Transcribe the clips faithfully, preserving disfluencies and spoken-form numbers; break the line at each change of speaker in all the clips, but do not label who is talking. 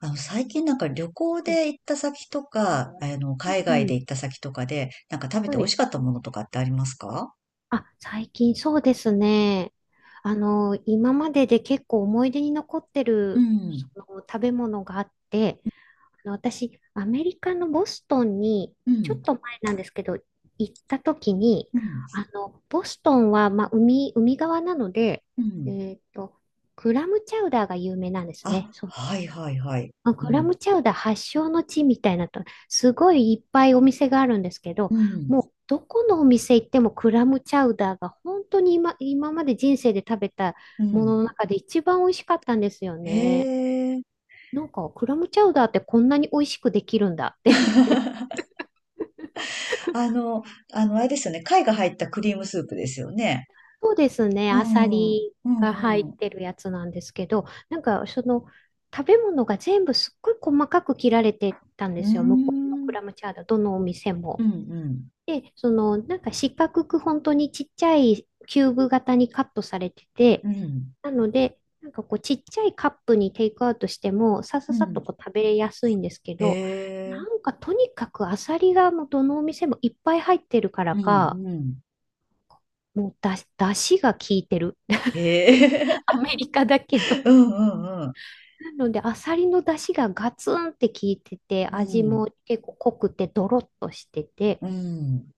あの、最近なんか旅行
う
で行った先とか、あの、海外で
ん。
行った先とかで、なんか食べて
は
美味
い。
しかったものとかってありますか？
あ、最近そうですね。あの、今までで結構思い出に残って
う
る、そ
ん、
の食べ物があって、あの、私、アメリカのボストンに、
う
ちょっ
ん、
と前なんですけど、行った時に、
うん、
あの、ボストンは、まあ、海、海側なので、
うん。
えっと、クラムチャウダーが有名なんですね。
あ、はいはいはい。
まあ
う
グラ
ん、
ムチャウダー発祥の地みたいなと、すごいいっぱいお店があるんですけ
う
ど、
ん、
もうどこのお店行ってもクラムチャウダーが本当に今、今まで人生で食べた
う
もの
ん。
の中で一番美味しかったんですよ
へ
ね。
え。
なんかクラムチャウダーってこんなに美味しくできるんだって。
あの、あの、あれですよね。貝が入ったクリームスープですよね。
そうですね、
う
アサ
ん、うん、
リが入っ
うん。
てるやつなんですけど、なんかその食べ物が全部すっごい細かく切られてたん
う
で
ー
すよ、向こうのク
ん、
ラムチャウダー、どのお店
う
も。
ん、うん、
で、その、なんか四角く本当にちっちゃいキューブ型にカットされてて、
うん、
なので、なんかこうちっちゃいカップにテイクアウトしても、ささ
う
さっと
ん。
こう食べやすいんですけ
へ
ど、な
え。
んかとにかくアサリがもうどのお店もいっぱい入ってるから
うん、
か、
うん。
もうだし、だしが効いてる。
へ
ア
え。
メリカだけど。
う ん、うん、うん。
なので、アサリのだしがガツンって効いてて、
う
味も
ん、
結構濃くてドロッとしてて、
うん。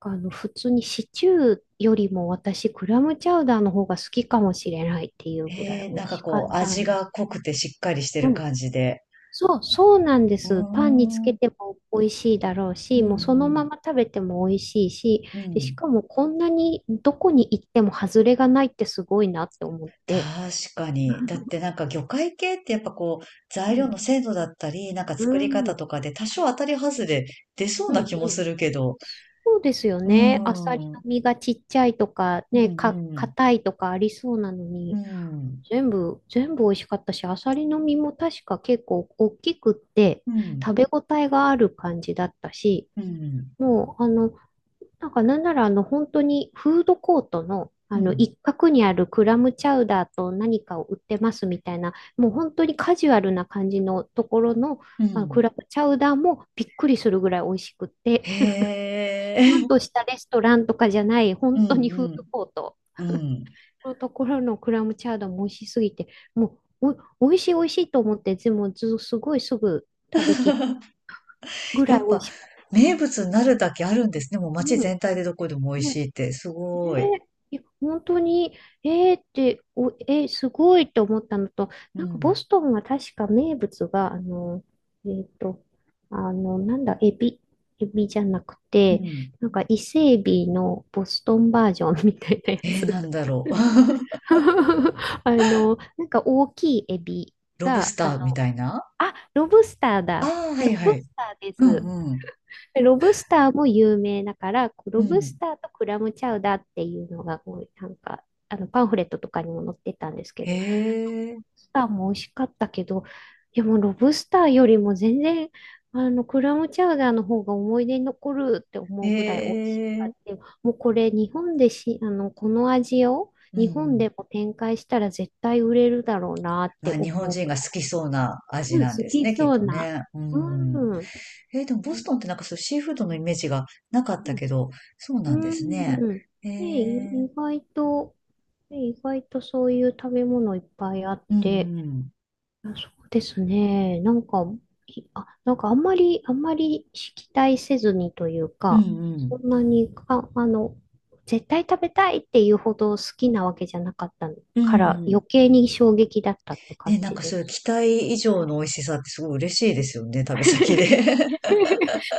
あの、普通にシチューよりも私、クラムチャウダーの方が好きかもしれないっていうぐら
え
い
え、
美
な
味
んか
しか
こう、
った
味
んで
が
す。
濃くてしっかりして
う
る
ん。
感じで。
そう、そうなんで
うー
す。パンにつ
ん、
け
うん
ても美味しいだろう
う
し、もうそのま
ん、
ま食べても美味しいし、
う
で、し
ん。
かもこんなにどこに行っても外れがないってすごいなって思って。
確かに。だってな んか魚介系ってやっぱこう、
う
材料
ん、
の精度だったり、なんか
う
作り
ん、う
方と
ん、
かで多少当たり外れ出そう
う
な
ん、
気もするけど。
そうですよ
うー
ね。アサリ
ん、う
の
ん
身がちっちゃいとか、
う
ね、か、
ん、
硬いとかありそうなの
う
に。
ん、
全部、全部美味しかったし、アサリの身も確か結構大きくって、
うん、
食べ応えがある感じだったし、
うん、
もう、あの、なんかなんならあの、本当にフードコートの、
う
あの、
ん、
一角にあるクラムチャウダーと何かを売ってますみたいな、もう本当にカジュアルな感じのところの、
う
あのクラ
ん。
ムチャウダーもびっくりするぐらい美味しくって、
へ
ちゃ
え、
んと したレストランとかじゃない、
う
本
ん
当にフー
う
ド
ん、
コート。
うん。
のところのクラムチャウダーも美味しすぎて、もうお、美味しい美味しいと思って、でもず、すごいすぐ食べき ぐ
や
らい
っ
美味
ぱ、
しかっ
名物になるだけあるんで
た。
すね。もう街
うん。
全体でどこでも美味
ね、
しいって。す
ね、
ごい。
いや本当に、えーって、お、えーすごいと思ったのと、
う
なんかボ
ん。
ストンは確か名物が、あの、えっと、あの、なんだ、エビ、エビじゃなく
う
て、
ん。
なんか伊勢エビのボストンバージョンみたいなや
えー、
つ。
なんだろう。
あの、なんか大きいエビ
ロブス
が、あの、
ターみたいな。
あ、ロブスター
あ
だ。
あー、は
ロ
いは
ブ
い。
スターで
う
す。
んうん。
ロブスターも有名だから、こう
う
ロブス
ん。
ターとクラムチャウダーっていうのが、こうなんか、あのパンフレットとかにも載ってたんですけ
へ
ど、ロ
え、
ブスターも美味しかったけど、いやもうロブスターよりも全然、あの、クラムチャウダーの方が思い出に残るって思うぐらい
へ
美味しか
え、
った。もうこれ、日本でし、あの、この味を
うん
日
う
本で
ん。
も展開したら絶対売れるだろうなっ
ま
て
あ、日本
思
人が
う。
好きそうな味
うん、
なん
好
です
き
ね、きっ
そう
と
な。
ね。う
う
ん。
ん。う
えーでもボストンってなんかそうシーフードのイメージがなかった
ん。
けど、そうな
う
んです
ん
ね。
ね、
え
い
ー、
意外と、ね、意外とそういう食べ物いっぱいあっ
うんう
て、
ん。
あそうですね。なんか、いあ、なんかあんまり、あんまり期待せずにという
うん
か、
う
そ
ん。
んなにか、あの、絶対食べたいっていうほど好きなわけじゃなかった
う
から
ん
余計に衝撃だったって感
ね、なん
じ
かそ
で
ういう
す。
期待以上の美味しさってすごい嬉しいですよね、旅先で。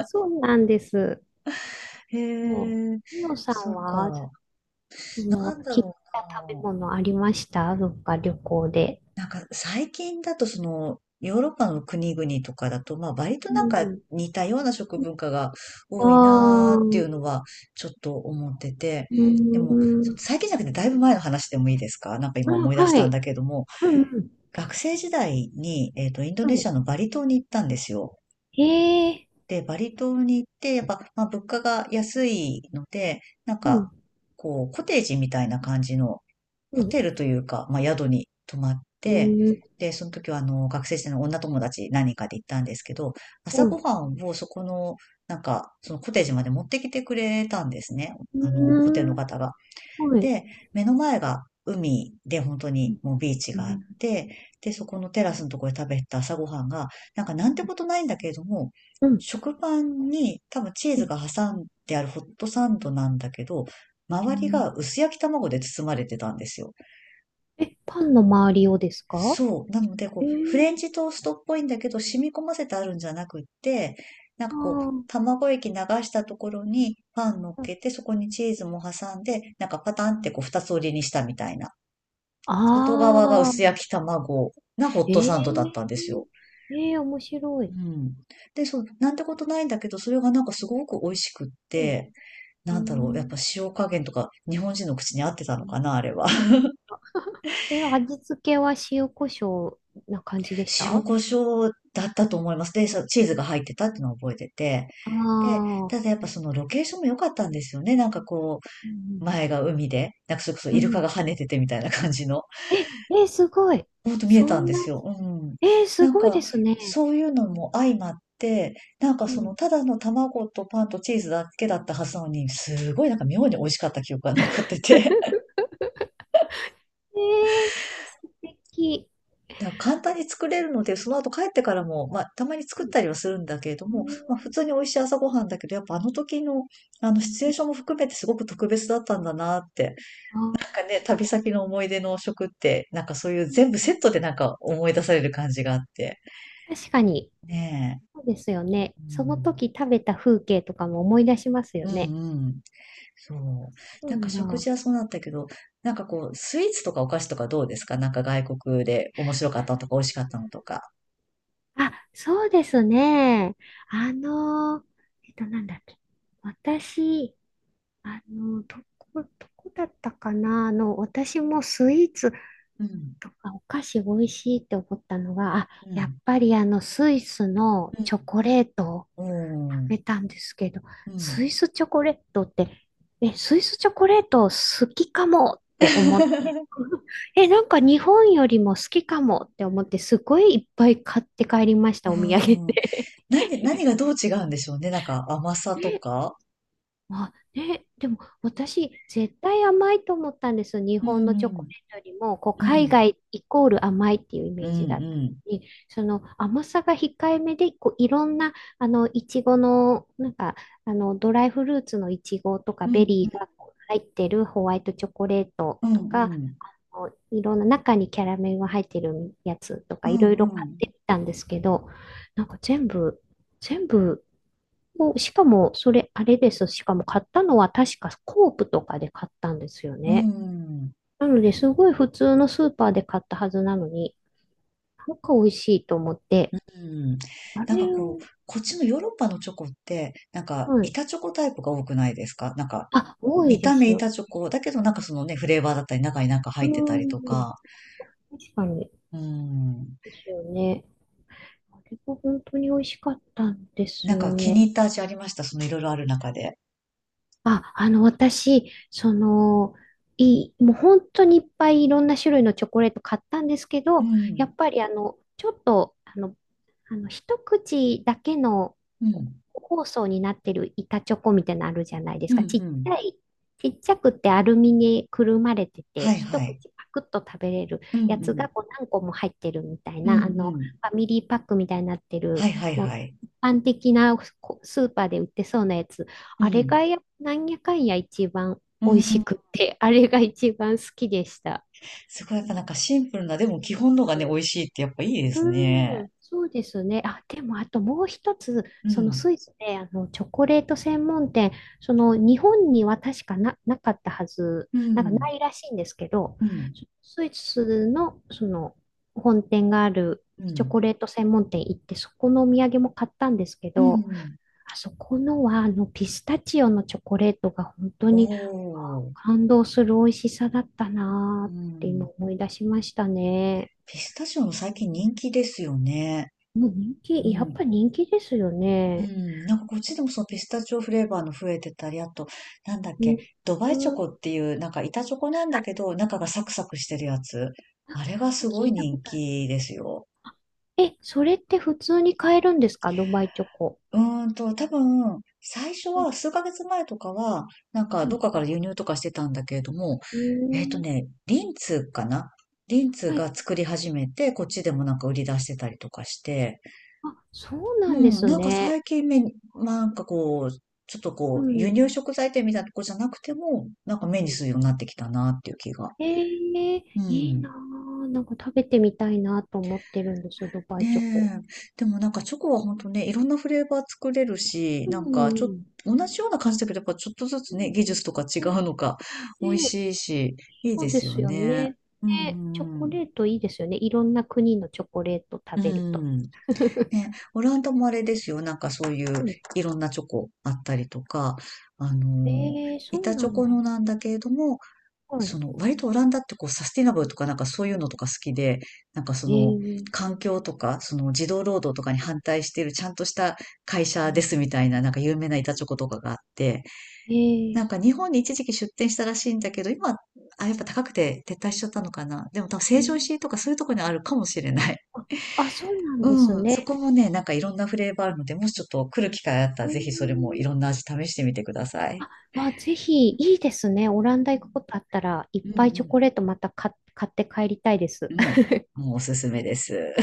そうなんです。
へ
も
え、
う、みのさ
そ
ん
っ
は
か。
その、
なんだ
切っ
ろ
た食べ
う
物ありました？どっか旅行で。
な。なんか最近だとその、ヨーロッパの国々とかだと、まあ割と
う
なんか
ん。
似たような食文化が
あ
多いな
あ、
ーってい
う
うのはちょっと思ってて。
ー
でも、そ
ん。
最近じゃなくてだいぶ前の話でもいいですか？なんか
あ、
今思い出し
は
たん
い。
だけども、
うんうん。
学生時代に、えっと、インド
は
ネシア
い。
のバリ島に行ったんですよ。
へえ。
で、バリ島に行って、やっぱ、まあ、物価が安いので、なん
う
か、
ん。
こう、コテージみたいな感じの
う
ホ
ん。
テルというか、まあ、宿に泊まっ
う
て、
ん。
で、その時は、あの、学生時代の女友達何人かで行ったんですけど、
う
朝ご
ん。
はんをそこの、なんか、そのコテージまで持ってきてくれたんですね。
う
あの、ホテル
ー
の
ん。
方が。
はい。
で、目の前が海で本当にもうビーチ
う
があっ
ん。
て、で、そこのテラスのところで食べた朝ごはんが、なんかなんてことないんだけれども、
うん。
食パンに多分チー
う
ズ
ん。
が挟んであるホットサンドなんだけど、
う
周りが
ん。
薄焼き卵で包まれてたんですよ。
え、パンの周りをですか？
そう。なので、こ
え、
う、フレンチトーストっぽいんだけど、染み込ませてあるんじゃなくって、なん
あ
かこう、
あ。
卵液流したところにパン乗っけて、そこにチーズも挟んで、なんかパタンってこう、二つ折りにしたみたいな。外
あ
側が
ーあ
薄
ー。
焼き卵なホッ
え
トサンドだった
え。
んですよ。
ええ、面白
う
い。
ん。で、そう、なんてことないんだけど、それがなんかすごく美味しくっ
うん。
て、
う
なんだろう、やっぱ
ん。
塩加減とか日本人の口に合ってたのかな、あれは。
え、味付けは塩コショウな感じでした？
塩
あ
コショウだったと思います。で、そうチーズが入ってたっていうのを覚えてて。
あ
で、
ー、
ただやっぱそのロケーションも良かったんですよね。なんかこ
う
う、
ん
前が海で、なんかそれこそ
う
イ
ん。う
ルカが
ん、
跳ねててみたいな感じの。
え、え、すごい。
ほんと見え
そ
たん
ん
で
な、
すよ。うん。
え、す
なん
ごい
か、
ですね。
そういうのも相まって、なんか
う
そ
ん。
の、ただの卵とパンとチーズだけだったはずなのに、すごいなんか妙に美味しかった記憶が残ってて。
えー、素敵。
だから簡単に作れるので、その後帰ってからも、まあ、たまに作っ
う
たりはするんだけれども、まあ、普
ん。
通に美味しい朝ごはんだけど、やっぱあの時の、あの、シチュエーションも含めてすごく特別だったんだなって。
あ
なんかね、旅
ー、
先の思い出の食って、なんかそういう
う
全
ん、
部セットでなんか思い出される感じがあって。
確かに、
ね
そうですよね。
え。う
その
ん。
時食べた風景とかも思い出しますよ
うん
ね。
うん。そう。
う
なんか
ん
食
だ。
事はそうなったけど、なんかこう、スイーツとかお菓子とかどうですか？なんか外国で面白かったのとか美味しかったのとか。
あ、そうですね。あのえっと、なんだっけ。私、あの、どこ、どこだったかな、あの、私もスイーツ
うん。
とかお菓子美味しいって思ったのが、あ、
う
やっ
ん。
ぱりあの、スイスの
うん。
チョコレートを
う
食べ
ん。
たんですけど、
うん。
スイスチョコレートって、え、スイスチョコレート好きかもって思って、え、なんか日本よりも好きかもって思って、すごいいっぱい買って帰りまし
う
た、お土産
ん。
で。
なんで、何がどう違うんでしょうね。なんか甘さとか。
あ、ね、でも私、絶対甘いと思ったんですよ。日
う
本の
ん
チ
う
ョコレ
ん。
ートよりも、こう、
う
海
ん。
外イコール甘いっていうイメ
うん
ージだった
うん。
のに、その甘さが控えめで、こう、いろんな、あの、いちごの、なんか、あの、ドライフルーツのいちごとか、
う
ベ
んう
リ
ん。
ーがこう入ってるホワイトチョコレート
うん
と
う
か、
ん。
こういろんな中にキャラメルが入ってるやつと
う
か、いろい
んう
ろ買っ
ん。
てみたんですけど、なんか全部、全部、もうしかも、それ、あれです。しかも買ったのは確かコープとかで買ったんですよ
うん
ね。
うん。
なので、すごい普通のスーパーで買ったはずなのに、なんか美味しいと思って、
うん。
あ
なんか
れ
こ
を、
う、こっちのヨーロッパのチョコって、なんか
はい。
板チョコタイプが多くないですか？なんか、
あ、多い
見
で
た目
すよ。
板チョコ、だけどなんかそのね、フレーバーだったり、中になんか
う
入ってたりと
ーん。
か、
確かに。
うん。
ですよね。あれが本当に美味しかったんです
なん
よ
か気に
ね。
入った味ありました、そのいろいろある中で。
あ、あの、私、その、いい、もう本当にいっぱいいろんな種類のチョコレート買ったんですけ
う
ど、や
ん、
っぱりあの、ちょっと、あの、あの、一口だけの
うん、
包装になってる板チョコみたいなのあるじゃないで
う
す
ん、う
か。ちっち
ん。
ゃい、ちっちゃくてアルミにくるまれて
は
て、
い
一
はい。
口パクッと食べれる
うん、う
やつ
ん、
がこう何個も入ってるみたい
うん、う
な、あの、フ
ん。
ァミリーパックみたいになって
は
る、
いはい
も
は
う
い。
一般的なこスーパーで売ってそうなやつ。
う
あれ
ん、
がや、なんやかんや一番
う
美味し
ん。
くて、あれが一番好きでした。
すごいやっぱなんかシンプルな、でも基本のがね、美味しいってやっぱいいで
う
すね。
ん、そうですね。あ、でも、あともう一つ、
う
そのス
ん、
イスで、あの、チョコレート専門店、その、日本には確かな、なかったはず、
う
なんかな
ん、
いらしいんですけど、
うん、
スイスの、その、本店がある
う
チョ
ん。
コレート専門店行って、そこのお土産も買ったんですけ
う
ど、
ん。
あそこのは、あの、ピスタチオのチョコレートが本当
お
に
ー。
感動する美味しさだった
う
なーって今
ん。
思い出しましたね。
ピスタチオも最近人気ですよね。
もう人気、
う
やっ
ん。
ぱ人気ですよ
う
ね。
ん。なんかこっちでもそのピスタチオフレーバーの増えてたり、あと、なんだっ
う
け、
ん。
ドバイチョ
う
コ
ん、
っていう、なんか板チョコなんだけど、中がサクサクしてるやつ。
あ、
あれ
なん
が
か
す
聞
ごい
いたこ
人
とある。
気ですよ。
え、それって普通に買えるんですか？ドバイチョコ。
うーんと、多分、最初
う
は
ん。
数ヶ月前とかは、なんか
う
どっ
ん。
かから輸入とかしてたんだけれども、
うー
えっと
ん、
ね、リンツかな。リンツ
はい。
が作り始めて、こっちでもなんか売り出してたりとかして、
あ、そう
う
なんで
ん、
す
なんか
ね。
最近目に、なんかこう、ちょっと
う
こう、輸
ん。
入食材店みたいなとこじゃなくても、なんか目にするようになってきたなっていう気が。
えー、
う
いいな
ん。
ぁ。なんか食べてみたいなと思ってるんですよ、ドバイチョコ。
ねえ。でもなんかチョコは本当ね、いろんなフレーバー作れるし、
う
な
ん。
んか
う
ちょっと、
ん
同じような感じだけど、やっぱちょっとずつね、技術とか違
うん、
うのか、美味
ね、
しいし、いい
そ
で
うで
すよ
すよ
ね。
ね。
うん、
ね、チョ
う
コ
ん
レートいいですよね。いろんな国のチョコレート
う
食
ん、
べると。
うん。ね、オランダもあれですよ。なんかそういういろんなチョコあったりとか、あの、
ええ、そう
板チ
な
ョ
ん
コ
だ。
のなんだけれども、
はい。
その、割とオランダってこう、サスティナブルとかなんかそういうのとか好きで、なんかその、
ええ、
環境とか、その、児童労働とかに反対しているちゃんとした会
う
社で
ん、
すみたいな、なんか有名な板チョコとかがあって、なん
え
か
え、
日本に一時期出店したらしいんだけど、今、あ、やっぱ高くて撤退しちゃったのかな。でも多分
う
成城
ん、
石井とかそういうとこにあるかもしれない。
あ、あ、そう なんです
うん、そ
ね。
こもね、なんかいろんなフレーバーあるので、もしちょっと来る機会あったら、
う
ぜひそれ
ん、
もいろんな味試してみてください。
あ、あ、ぜひ、いいですね。オランダ行くことあったら、いっ
うん、う
ぱいチョ
ん、
コレートまた買、買って帰りたいで
う
す。
ん。う んもうおすすめです。